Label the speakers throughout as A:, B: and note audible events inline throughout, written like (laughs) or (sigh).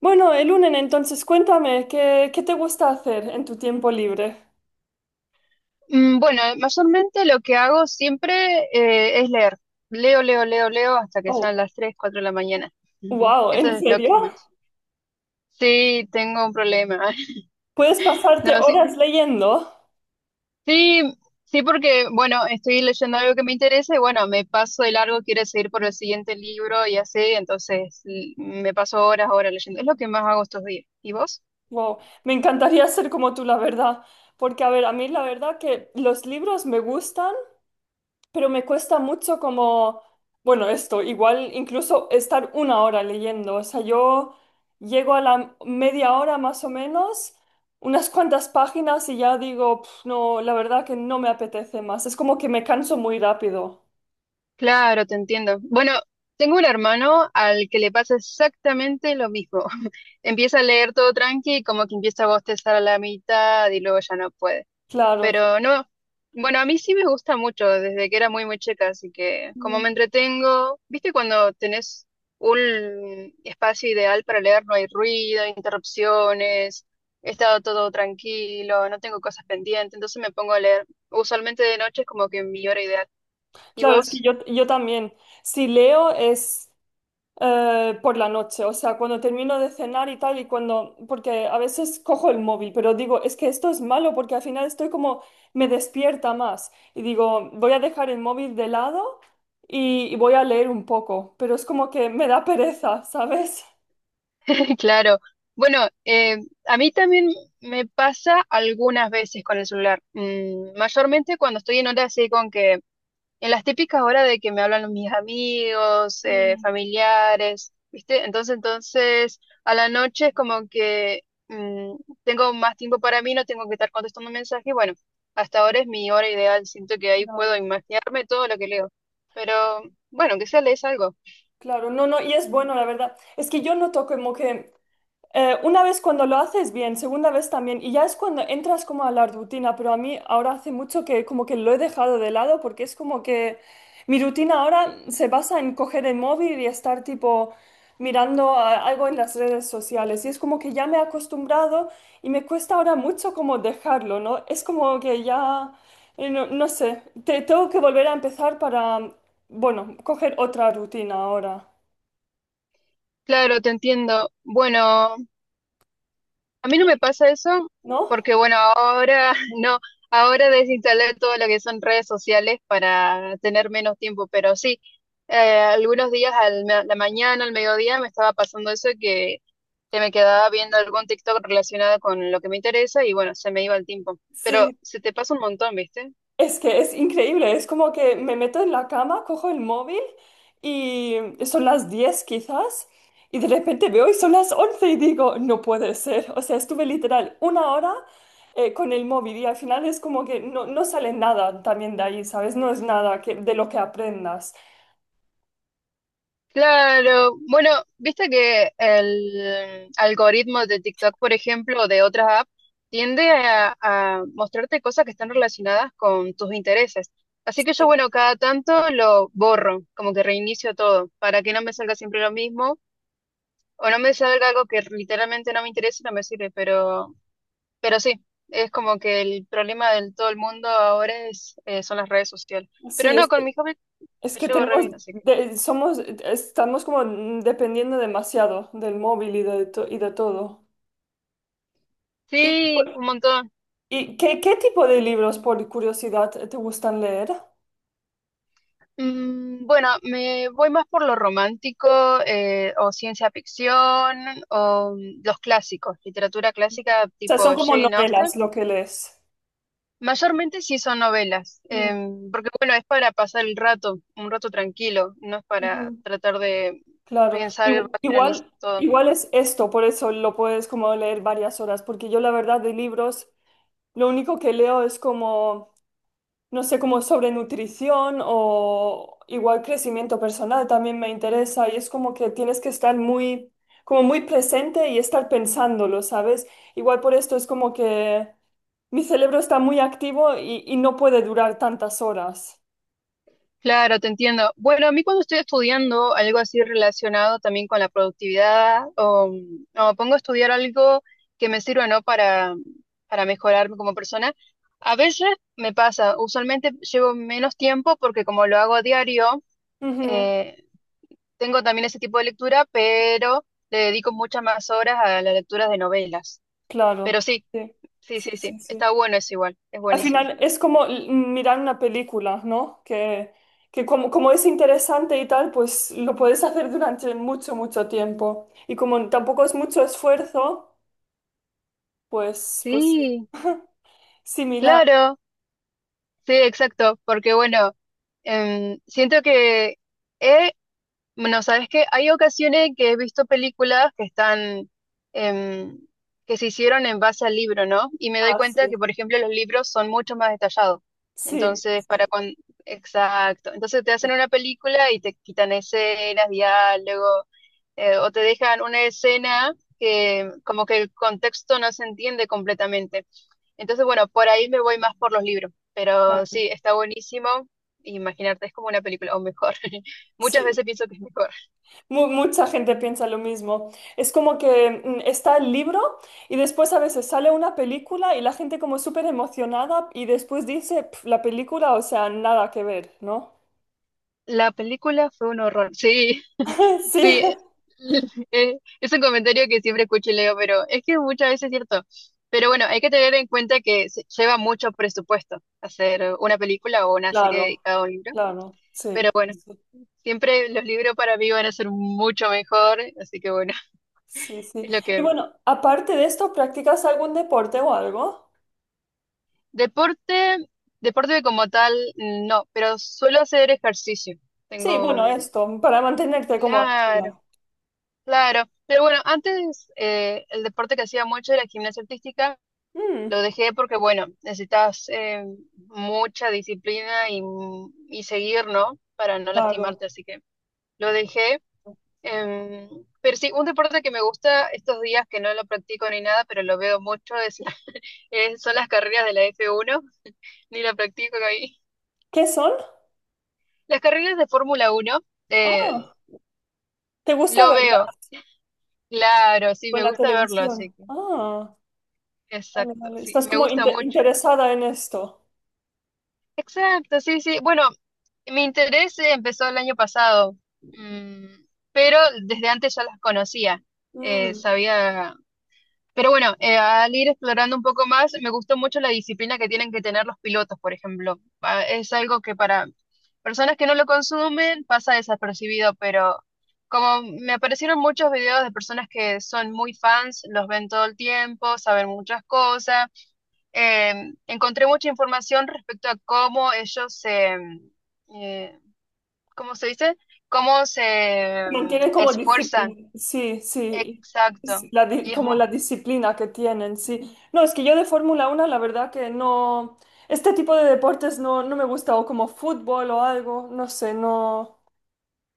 A: Bueno, el lunes entonces cuéntame, ¿qué te gusta hacer en tu tiempo libre?
B: Bueno, mayormente lo que hago siempre es leer. Leo hasta que sean
A: Oh,
B: las 3, 4 de la mañana. Mm.
A: wow,
B: Eso
A: ¿en
B: es lo que
A: serio?
B: más. Sí, tengo un problema. (laughs)
A: ¿Puedes pasarte
B: No, sí,
A: horas leyendo?
B: sí, sí, porque, bueno, estoy leyendo algo que me interesa y, bueno, me paso de largo, quiero seguir por el siguiente libro y así, entonces me paso horas leyendo. Es lo que más hago estos días. ¿Y vos?
A: Wow, me encantaría ser como tú, la verdad. Porque, a ver, a mí la verdad que los libros me gustan, pero me cuesta mucho como, bueno, esto, igual incluso estar una hora leyendo, o sea, yo llego a la media hora más o menos, unas cuantas páginas y ya digo, "Pf, no, la verdad que no me apetece más, es como que me canso muy rápido,
B: Claro, te entiendo. Bueno, tengo un hermano al que le pasa exactamente lo mismo. Empieza a leer todo tranqui y como que empieza a bostezar a la mitad y luego ya no puede.
A: claro.
B: Pero no, bueno, a mí sí me gusta mucho desde que era muy, muy chica, así que como me
A: Mm,
B: entretengo, ¿viste cuando tenés un espacio ideal para leer? No hay ruido, interrupciones, he estado todo tranquilo, no tengo cosas pendientes, entonces me pongo a leer. Usualmente de noche es como que mi hora ideal. ¿Y
A: claro, es que
B: vos?
A: yo también, si leo es por la noche, o sea, cuando termino de cenar y tal, y cuando, porque a veces cojo el móvil, pero digo, es que esto es malo porque al final estoy como, me despierta más. Y digo, voy a dejar el móvil de lado y voy a leer un poco, pero es como que me da pereza, (laughs) ¿sabes?
B: (laughs) Claro. Bueno, a mí también me pasa algunas veces con el celular. Mm, mayormente cuando estoy en horas así con que, en las típicas horas de que me hablan mis amigos,
A: Mm,
B: familiares, ¿viste? Entonces, a la noche es como que mm, tengo más tiempo para mí, no tengo que estar contestando mensajes. Bueno, hasta ahora es mi hora ideal. Siento que ahí puedo
A: claro.
B: imaginarme todo lo que leo. Pero bueno, que sea lees algo.
A: Claro, no, no, y es bueno, la verdad. Es que yo noto como que una vez cuando lo haces bien, segunda vez también, y ya es cuando entras como a la rutina, pero a mí ahora hace mucho que como que lo he dejado de lado porque es como que mi rutina ahora se basa en coger el móvil y estar tipo mirando algo en las redes sociales y es como que ya me he acostumbrado y me cuesta ahora mucho como dejarlo, ¿no? Es como que ya, no, no sé, tengo que volver a empezar para, bueno, coger otra rutina ahora,
B: Claro, te entiendo. Bueno, a mí no me pasa eso
A: ¿no?
B: porque, bueno, ahora (laughs) no, ahora desinstalé todo lo que son redes sociales para tener menos tiempo, pero sí, algunos días a la mañana, al mediodía, me estaba pasando eso de que me quedaba viendo algún TikTok relacionado con lo que me interesa y, bueno, se me iba el tiempo. Pero
A: Sí.
B: se te pasa un montón, ¿viste?
A: Es que es increíble, es como que me meto en la cama, cojo el móvil y son las 10 quizás y de repente veo y son las 11 y digo, no puede ser. O sea, estuve literal una hora con el móvil y al final es como que no, no sale nada también de ahí, ¿sabes? No es nada que, de lo que aprendas.
B: Claro, bueno, viste que el algoritmo de TikTok, por ejemplo, o de otras apps, tiende a mostrarte cosas que están relacionadas con tus intereses. Así que yo, bueno, cada tanto lo borro, como que reinicio todo, para que no me salga siempre lo mismo, o no me salga algo que literalmente no me interesa y no me sirve, pero sí, es como que el problema del todo el mundo ahora es, son las redes sociales. Pero
A: Sí,
B: no,
A: es
B: con
A: que,
B: mi hobby
A: es
B: me
A: que
B: llevo re
A: tenemos,
B: bien, así que
A: somos, estamos como dependiendo demasiado del móvil y de todo.
B: sí, un montón.
A: ¿Y qué tipo de libros, por curiosidad, te gustan leer? O
B: Bueno, me voy más por lo romántico o ciencia ficción o los clásicos, literatura clásica
A: sea, son
B: tipo
A: como
B: Jane Austen.
A: novelas lo que lees.
B: Mayormente sí son novelas,
A: Mm,
B: porque bueno, es para pasar el rato, un rato tranquilo, no es para
A: ujú,
B: tratar de
A: claro.
B: pensar y
A: Igu-
B: racionalizar
A: Igual,
B: todo.
A: igual es esto, por eso lo puedes como leer varias horas, porque yo la verdad de libros, lo único que leo es como, no sé, como sobre nutrición o igual crecimiento personal también me interesa y es como que tienes que estar muy, como muy presente y estar pensándolo, ¿sabes? Igual por esto es como que. Mi cerebro está muy activo y no puede durar tantas horas.
B: Claro, te entiendo. Bueno, a mí cuando estoy estudiando algo así relacionado también con la productividad, o pongo a estudiar algo que me sirva, ¿no? Para mejorarme como persona, a veces me pasa, usualmente llevo menos tiempo porque como lo hago a diario,
A: Ujú,
B: eh, tengo también ese tipo de lectura, pero le dedico muchas más horas a las lecturas de novelas. Pero
A: claro,
B: sí,
A: sí,
B: sí,
A: sí,
B: sí, sí,
A: sí, sí.
B: está bueno eso igual, es
A: Al
B: buenísimo.
A: final es como mirar una película, ¿no? Que como es interesante y tal, pues lo puedes hacer durante mucho, mucho tiempo. Y como tampoco es mucho esfuerzo, pues sí.
B: Sí,
A: Similar.
B: claro. Sí, exacto, porque bueno, siento que, eh, bueno, sabes que hay ocasiones que he visto películas que están, em, que se hicieron en base al libro, ¿no? Y me doy
A: Ah,
B: cuenta
A: sí.
B: que, por ejemplo, los libros son mucho más detallados.
A: Sí.
B: Entonces, para cuando, exacto, entonces te hacen una película y te quitan escenas, diálogo, o te dejan una escena que como que el contexto no se entiende completamente. Entonces, bueno, por ahí me voy más por los libros, pero
A: Claro.
B: sí, está buenísimo. Imaginarte, es como una película, o mejor. (laughs) Muchas veces
A: Sí,
B: pienso que es mejor.
A: Mucha gente piensa lo mismo. Es como que está el libro y después a veces sale una película y la gente como súper emocionada y después dice, "Pf, la película, o sea, nada que ver, ¿no?
B: La película fue un horror. Sí,
A: (laughs) Sí,
B: sí. (laughs) Es un comentario que siempre escucho y leo, pero es que muchas veces es cierto. Pero bueno, hay que tener en cuenta que se lleva mucho presupuesto hacer una película o una serie
A: claro,
B: dedicada a un libro.
A: claro, sí,
B: Pero bueno, siempre los libros para mí van a ser mucho mejor, así que bueno, (laughs)
A: sí, sí.
B: es
A: Sí.
B: lo
A: Y
B: que
A: bueno, aparte de esto, ¿practicas algún deporte o algo?
B: Deporte, deporte como tal, no, pero suelo hacer ejercicio.
A: Sí,
B: Tengo,
A: bueno, esto, para mantenerte como
B: claro,
A: activa.
B: claro. Pero bueno, antes el deporte que hacía mucho era gimnasia artística.
A: Mm,
B: Lo dejé porque, bueno, necesitas mucha disciplina y seguir, ¿no? Para no
A: claro.
B: lastimarte, así que lo dejé. Em, pero sí, un deporte que me gusta estos días que no lo practico ni nada, pero lo veo mucho, es (laughs) son las carreras de la F1 ni la practico ahí.
A: ¿Qué son?
B: Las carreras de Fórmula 1 eh,
A: Ah, ¿te gusta
B: lo
A: verla?
B: veo, claro, sí, me
A: Buena
B: gusta verlo,
A: televisión.
B: así que,
A: Ah. Vale,
B: exacto,
A: vale.
B: sí,
A: Estás
B: me
A: como
B: gusta mucho.
A: interesada en esto.
B: Exacto, sí, sí. Bueno, mi interés empezó el año pasado, mm, pero desde antes ya las conocía.
A: Mm.
B: Sabía. Pero bueno, al ir explorando un poco más, me gustó mucho la disciplina que tienen que tener los pilotos, por ejemplo. Ah, es algo que para personas que no lo consumen pasa desapercibido, pero como me aparecieron muchos videos de personas que son muy fans, los ven todo el tiempo, saben muchas cosas, encontré mucha información respecto a cómo ellos se, eh, ¿cómo se dice? Cómo se
A: Mantiene como
B: esfuerzan.
A: disciplina. Sí, sí. Sí,
B: Exacto.
A: la
B: Y, es,
A: como la disciplina que tienen, sí. No, es que yo de Fórmula 1 la verdad que no. Este tipo de deportes no, no me gusta, o como fútbol o algo, no sé, no,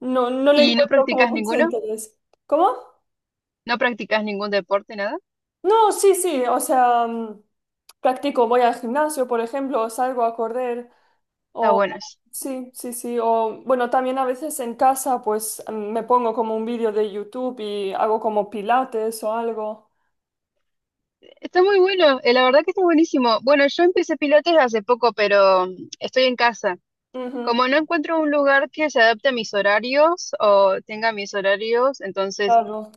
A: no, no le
B: ¿y no
A: encuentro como
B: practicas
A: mucho
B: ninguno?
A: interés. ¿Cómo?
B: ¿No practicas ningún deporte, nada?
A: No, sí, sí, o sea, practico, voy al gimnasio, por ejemplo, o salgo a correr,
B: Está
A: o,
B: bueno eso.
A: sí, sí, sí. O, bueno, también a veces en casa, pues me pongo como un vídeo de YouTube y hago como pilates o algo.
B: Está muy bueno, la verdad que está buenísimo. Bueno, yo empecé pilates hace poco, pero estoy en casa.
A: Ujú,
B: Como no encuentro un lugar que se adapte a mis horarios o tenga mis horarios, entonces,
A: claro.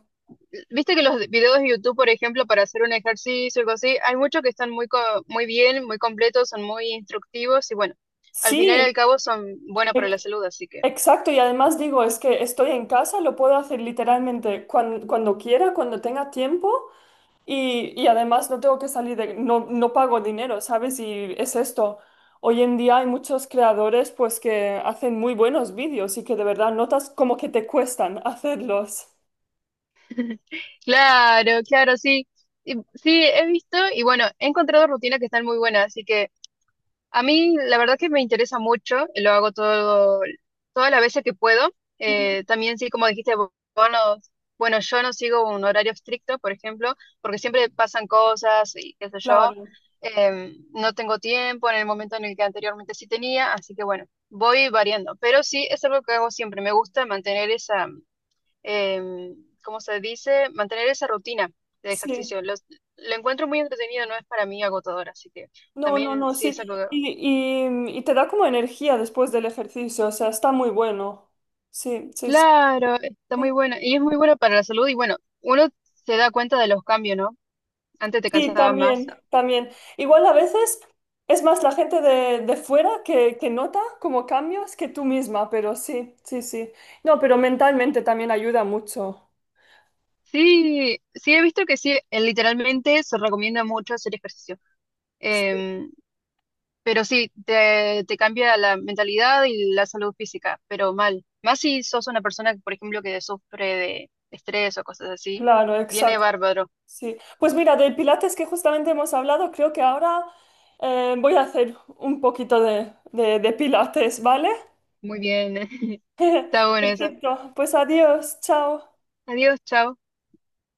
B: viste que los videos de YouTube, por ejemplo, para hacer un ejercicio o algo así, hay muchos que están muy, muy bien, muy completos, son muy instructivos y bueno, al final y al
A: Sí,
B: cabo son buenos para
A: e-
B: la salud, así que.
A: exacto. Y además digo, es que estoy en casa, lo puedo hacer literalmente cuando quiera, cuando tenga tiempo. Y además no tengo que salir de, no, no pago dinero, ¿sabes? Y es esto. Hoy en día hay muchos creadores pues que hacen muy buenos vídeos y que de verdad notas como que te cuestan (laughs) hacerlos.
B: Claro, claro, sí. Sí, he visto y bueno, he encontrado rutinas que están muy buenas, así que a mí la verdad que me interesa mucho, y lo hago todo, todas las veces que puedo.
A: Ujú,
B: También sí, como dijiste, vos no- bueno, yo no sigo un horario estricto, por ejemplo, porque siempre pasan cosas y qué sé yo.
A: claro,
B: No tengo tiempo en el momento en el que anteriormente sí tenía, así que bueno, voy variando. Pero sí, es algo que hago siempre. Me gusta mantener esa, em, ¿cómo se dice? Mantener esa rutina de
A: sí.
B: ejercicio. Lo encuentro muy entretenido, no es para mí agotador, así que...
A: No, no,
B: También
A: no,
B: sí es
A: sí.
B: algo.
A: Y te da como energía después del ejercicio, o sea, está muy bueno. Sí, sí, sí.
B: Claro, está muy buena y es muy buena para la salud. Y bueno, uno se da cuenta de los cambios, ¿no? Antes te
A: Sí,
B: cansaba más.
A: también, también. Igual a veces es más la gente de fuera que nota como cambios que tú misma, pero sí, sí, sí. No, pero mentalmente también ayuda mucho.
B: Sí, sí, he visto que sí, literalmente se recomienda mucho hacer ejercicio.
A: Sí,
B: Em, pero sí, te cambia la mentalidad y la salud física, pero mal. Más si sos una persona, por ejemplo, que sufre de estrés o cosas así,
A: claro,
B: viene
A: exacto.
B: bárbaro.
A: Sí. Pues mira, del Pilates que justamente hemos hablado, creo que ahora voy a hacer un poquito de Pilates, ¿vale?
B: Muy bien. (laughs) Está
A: (laughs)
B: bueno eso.
A: Perfecto, pues adiós, chao.
B: Adiós, chao.